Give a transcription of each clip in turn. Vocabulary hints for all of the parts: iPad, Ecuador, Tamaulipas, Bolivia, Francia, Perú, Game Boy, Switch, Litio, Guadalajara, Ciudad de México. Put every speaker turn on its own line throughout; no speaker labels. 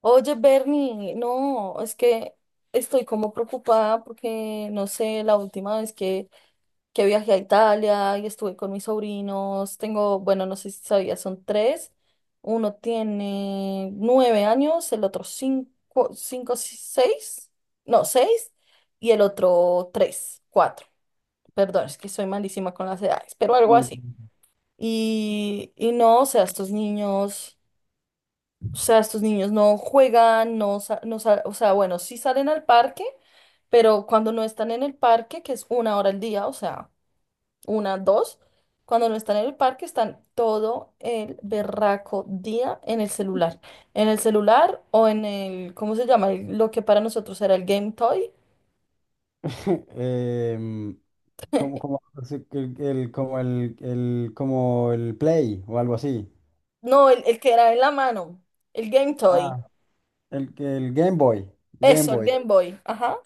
Oye, Bernie, no, es que estoy como preocupada porque, no sé, la última vez que viajé a Italia y estuve con mis sobrinos, tengo, bueno, no sé si sabías, son tres. Uno tiene 9 años, el otro cinco, cinco, seis, no, seis, y el otro tres, cuatro. Perdón, es que soy malísima con las edades, pero algo
No.
así. Y no, o sea, estos niños. O sea, estos niños no juegan, no, o sea, bueno, sí salen al parque, pero cuando no están en el parque, que es 1 hora al día, o sea, una, dos, cuando no están en el parque están todo el berraco día en el celular. En el celular o en el, ¿cómo se llama? Lo que para nosotros era el Game Toy.
Em, como, así que como como el Play o algo así.
No, el que era en la mano, el Game Toy.
Ah. El Game Boy. Game
Eso, el
Boy.
Game Boy. Ajá.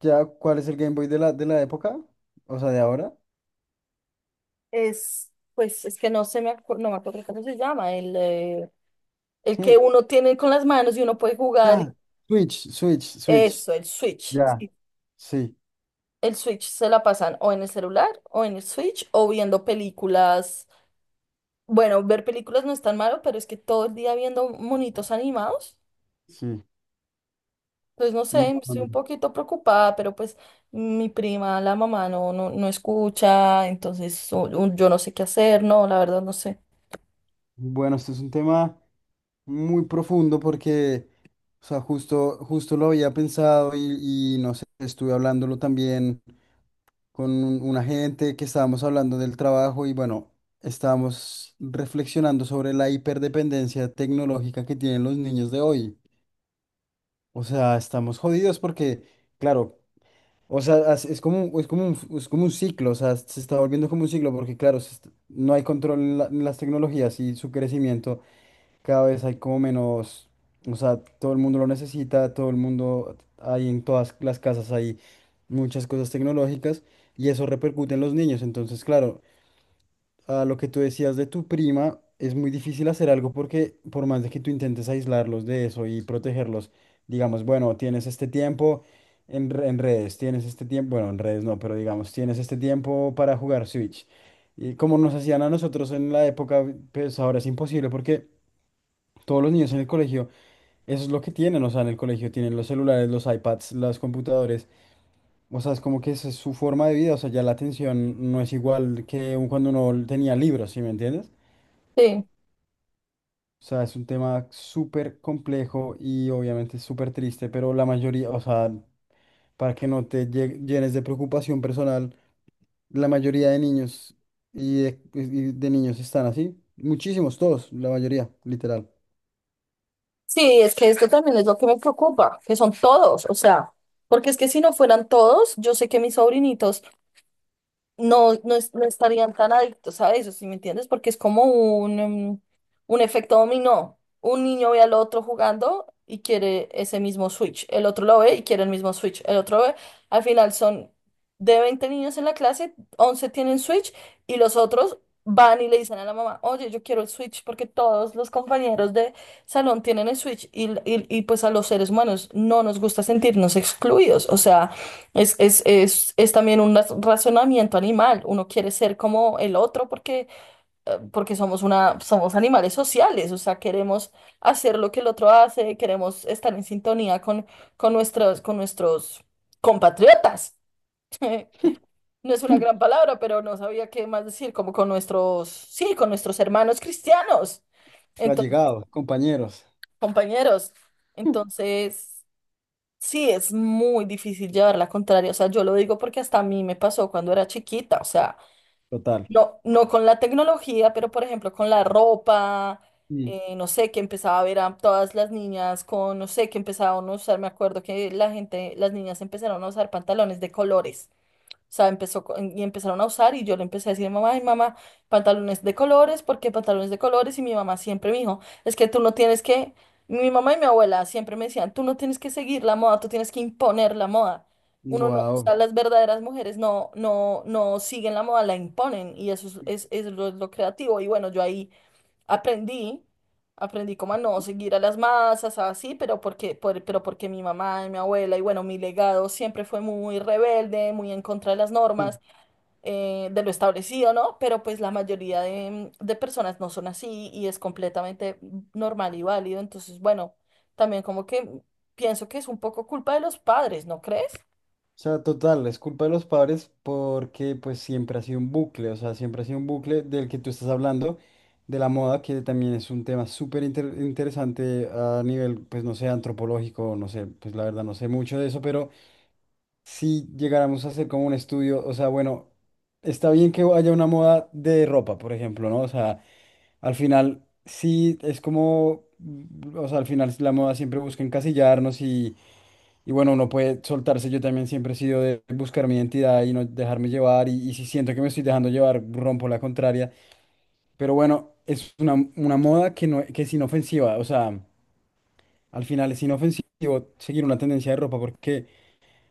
¿Ya cuál es el Game Boy de la época? O sea, de ahora.
Es, pues es que no se me acuerdo, no me acuerdo cómo se llama, el
Hmm.
que uno tiene con las manos y uno puede jugar,
Ya. Switch.
eso, el Switch.
Ya.
Sí.
Sí,
El Switch se la pasan o en el celular o en el Switch o viendo películas. Bueno, ver películas no es tan malo, pero es que todo el día viendo monitos animados.
sí.
Pues no
No,
sé,
no,
estoy
no.
un poquito preocupada, pero pues mi prima, la mamá, no, no, no escucha, entonces yo no sé qué hacer, no, la verdad no sé.
Bueno, este es un tema muy profundo porque, o sea, justo lo había pensado y no sé, estuve hablándolo también con una gente que estábamos hablando del trabajo y bueno, estábamos reflexionando sobre la hiperdependencia tecnológica que tienen los niños de hoy. O sea, estamos jodidos porque, claro, o sea, es como, es como es como un ciclo, o sea, se está volviendo como un ciclo porque, claro, no hay control en, en las tecnologías y su crecimiento cada vez hay como menos, o sea, todo el mundo lo necesita, todo el mundo, hay en todas las casas hay muchas cosas tecnológicas y eso repercute en los niños. Entonces, claro, a lo que tú decías de tu prima, es muy difícil hacer algo porque por más de que tú intentes aislarlos de eso y protegerlos, digamos, bueno, tienes este tiempo. En redes, tienes este tiempo, bueno, en redes no, pero digamos, tienes este tiempo para jugar Switch. Y como nos hacían a nosotros en la época, pues ahora es imposible porque todos los niños en el colegio, eso es lo que tienen, o sea, en el colegio tienen los celulares, los iPads, los computadores, o sea, es como que esa es su forma de vida, o sea, ya la atención no es igual que cuando uno tenía libros, ¿sí me entiendes?
Sí,
O sea, es un tema súper complejo y obviamente súper triste, pero la mayoría, o sea, para que no te llenes de preocupación personal, la mayoría de niños y de niños están así, muchísimos, todos, la mayoría, literal.
sí, es que esto también es lo que me preocupa, que son todos, o sea, porque es que si no fueran todos, yo sé que mis sobrinitos no, no, no estarían tan adictos a eso, ¿sí me entiendes? Porque es como un, em, un efecto dominó. Un niño ve al otro jugando y quiere ese mismo Switch. El otro lo ve y quiere el mismo Switch. El otro ve, al final son de 20 niños en la clase, 11 tienen Switch, y los otros van y le dicen a la mamá, oye, yo quiero el Switch porque todos los compañeros de salón tienen el Switch, y pues a los seres humanos no nos gusta sentirnos excluidos. O sea... Es también un razonamiento animal. Uno quiere ser como el otro porque somos somos animales sociales, o sea, queremos hacer lo que el otro hace, queremos estar en sintonía con nuestros compatriotas. No es una gran palabra, pero no sabía qué más decir, como con nuestros, sí, con nuestros hermanos cristianos, entonces,
Allegados, compañeros.
compañeros. Entonces. Sí, es muy difícil llevar la contraria. O sea, yo lo digo porque hasta a mí me pasó cuando era chiquita. O sea,
Total.
no, no con la tecnología, pero por ejemplo con la ropa, no sé, que empezaba a ver a todas las niñas con, no sé, que empezaban a usar, me acuerdo que la gente, las niñas empezaron a usar pantalones de colores. O sea, y empezaron a usar, y yo le empecé a decir a mi mamá, ay, mamá, pantalones de colores, ¿por qué pantalones de colores? Y mi mamá siempre me dijo, es que tú no tienes que, mi mamá y mi abuela siempre me decían, tú no tienes que seguir la moda, tú tienes que imponer la moda. Uno no, o
Wow.
sea, las verdaderas mujeres no, no, no siguen la moda, la imponen, y eso es lo creativo. Y bueno, yo ahí Aprendí, aprendí como a no seguir a las masas, así, pero porque, pero porque mi mamá y mi abuela y bueno, mi legado siempre fue muy rebelde, muy en contra de las
O
normas, de lo establecido, ¿no? Pero pues la mayoría de personas no son así, y es completamente normal y válido. Entonces, bueno, también como que pienso que es un poco culpa de los padres, ¿no crees?
sea, total, es culpa de los padres porque pues siempre ha sido un bucle, o sea, siempre ha sido un bucle del que tú estás hablando, de la moda, que también es un tema súper interesante a nivel, pues no sé, antropológico, no sé, pues la verdad no sé mucho de eso, pero si llegáramos a hacer como un estudio, o sea, bueno, está bien que haya una moda de ropa, por ejemplo, ¿no? O sea, al final sí es como, o sea, al final la moda siempre busca encasillarnos. Y bueno, uno puede soltarse. Yo también siempre he sido de buscar mi identidad y no dejarme llevar. Y si siento que me estoy dejando llevar, rompo la contraria. Pero bueno, es una moda que, no, que es inofensiva. O sea, al final es inofensivo seguir una tendencia de ropa porque,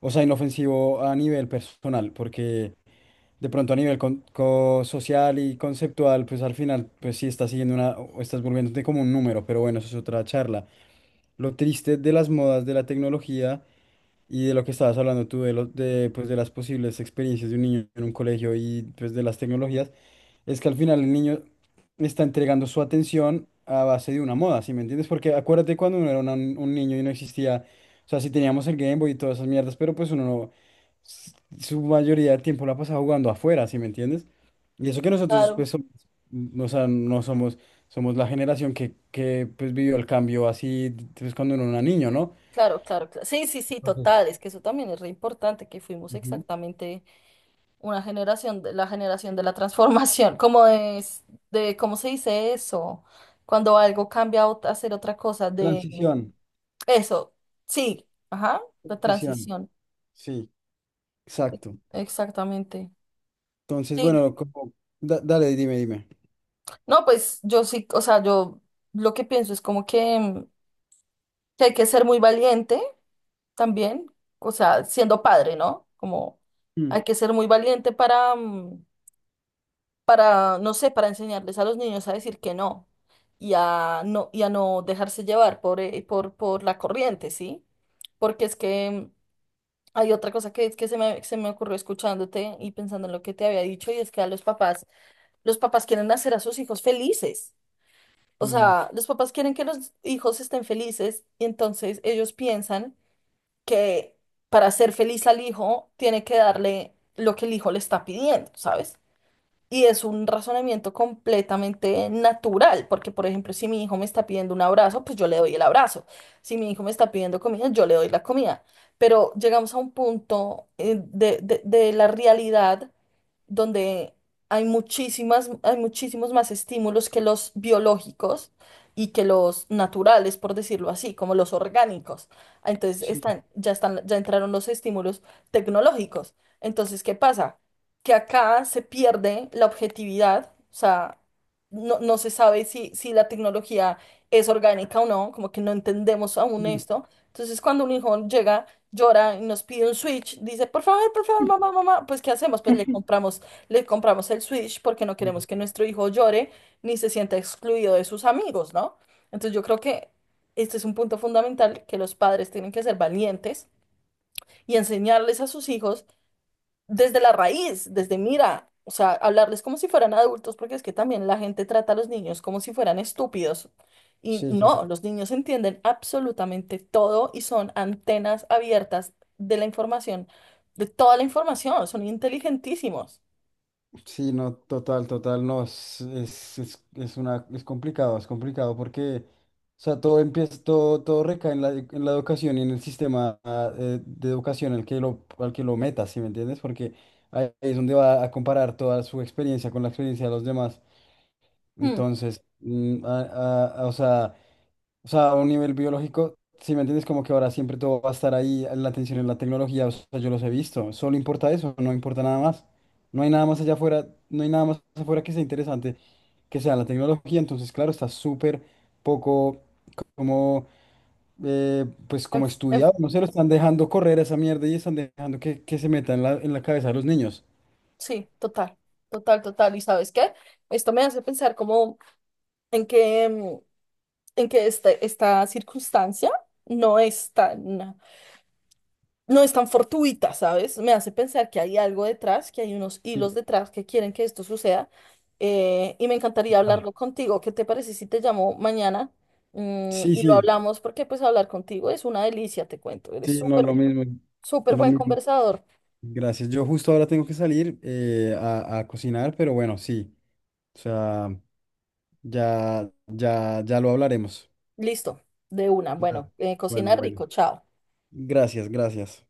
o sea, inofensivo a nivel personal, porque de pronto a nivel social y conceptual, pues al final, pues sí estás siguiendo una, o estás volviéndote como un número. Pero bueno, eso es otra charla. Lo triste de las modas, de la tecnología. Y de lo que estabas hablando tú, de, de, pues, de las posibles experiencias de un niño en un colegio y pues, de las tecnologías, es que al final el niño está entregando su atención a base de una moda, ¿sí me entiendes? Porque acuérdate cuando uno era un niño y no existía, o sea, sí teníamos el Game Boy y todas esas mierdas, pero pues uno no, s- su mayoría del tiempo la pasaba jugando afuera, ¿sí me entiendes? Y eso que nosotros,
Claro.
pues, no, o sea, no somos, somos la generación que pues, vivió el cambio así, pues, cuando uno era niño, ¿no?
Claro, claro, claro. Sí, sí, sí, total,
Entonces...
es que eso también es re importante, que fuimos
Ujú.
exactamente una generación, la generación de la transformación, como de, ¿cómo se dice eso? Cuando algo cambia a hacer otra cosa, de
Transición,
eso, sí, ajá, la
transición,
transición,
sí,
e-
exacto.
exactamente.
Entonces,
Sí,
bueno, como, dale, dime.
no, pues yo sí, o sea, yo lo que pienso es como que, que hay que ser muy valiente también, o sea, siendo padre, ¿no? Como
Mm,
hay que ser muy valiente para, no sé, para enseñarles a los niños a decir que no y a no, dejarse llevar por la corriente, ¿sí? Porque es que hay otra cosa que se me ocurrió escuchándote y pensando en lo que te había dicho, y es que a los papás quieren hacer a sus hijos felices. O
mm,
sea, los papás quieren que los hijos estén felices, y entonces ellos piensan que para ser feliz al hijo tiene que darle lo que el hijo le está pidiendo, ¿sabes? Y es un razonamiento completamente natural, porque por ejemplo, si mi hijo me está pidiendo un abrazo, pues yo le doy el abrazo. Si mi hijo me está pidiendo comida, yo le doy la comida. Pero llegamos a un punto de la realidad donde hay muchísimas, hay muchísimos más estímulos que los biológicos y que los naturales, por decirlo así, como los orgánicos. Entonces
sí,
ya están, ya entraron los estímulos tecnológicos. Entonces, ¿qué pasa? Que acá se pierde la objetividad, o sea, no se sabe si la tecnología es orgánica o no, como que no entendemos aún
mm,
esto. Entonces, cuando un hijo llega, llora y nos pide un Switch, dice, por favor, mamá, mamá, pues ¿qué hacemos? Pues le compramos el Switch porque no
mm,
queremos que nuestro hijo llore ni se sienta excluido de sus amigos, ¿no? Entonces, yo creo que este es un punto fundamental, que los padres tienen que ser valientes y enseñarles a sus hijos desde la raíz, desde mira, o sea, hablarles como si fueran adultos, porque es que también la gente trata a los niños como si fueran estúpidos. Y
sí, sí,
no,
sí.
los niños entienden absolutamente todo y son antenas abiertas de la información, de toda la información, son inteligentísimos.
Sí, no, total, total, no, es una, es complicado porque, o sea, todo empieza, todo, todo recae en la educación y en el sistema de educación al que lo metas, ¿sí me entiendes? Porque ahí es donde va a comparar toda su experiencia con la experiencia de los demás.
Hmm.
Entonces, o sea... O sea, a un nivel biológico, si me entiendes, como que ahora siempre todo va a estar ahí, la atención en la tecnología, o sea, yo los he visto, solo importa eso, no importa nada más. No hay nada más allá afuera, no hay nada más afuera que sea interesante que sea la tecnología, entonces, claro, está súper poco como, pues,
en-
como
en-
estudiado, no se lo están dejando correr a esa mierda y están dejando que se meta en la cabeza de los niños.
sí, total, total, total. ¿Y sabes qué? Esto me hace pensar como en que, en que esta circunstancia no es tan no es tan fortuita, ¿sabes? Me hace pensar que hay algo detrás, que hay unos hilos
Sí,
detrás que quieren que esto suceda. Y me encantaría
total.
hablarlo contigo. ¿Qué te parece si te llamo mañana? Mm,
Sí,
y lo
sí,
hablamos, porque pues hablar contigo es una delicia, te cuento. Eres
sí, no,
súper,
lo mismo,
súper
lo
buen
mismo.
conversador.
Gracias. Yo justo ahora tengo que salir a cocinar, pero bueno, sí. O sea, ya lo hablaremos.
Listo, de una.
Claro.
Bueno,
Bueno,
cocina
bueno.
rico, chao.
Gracias, gracias.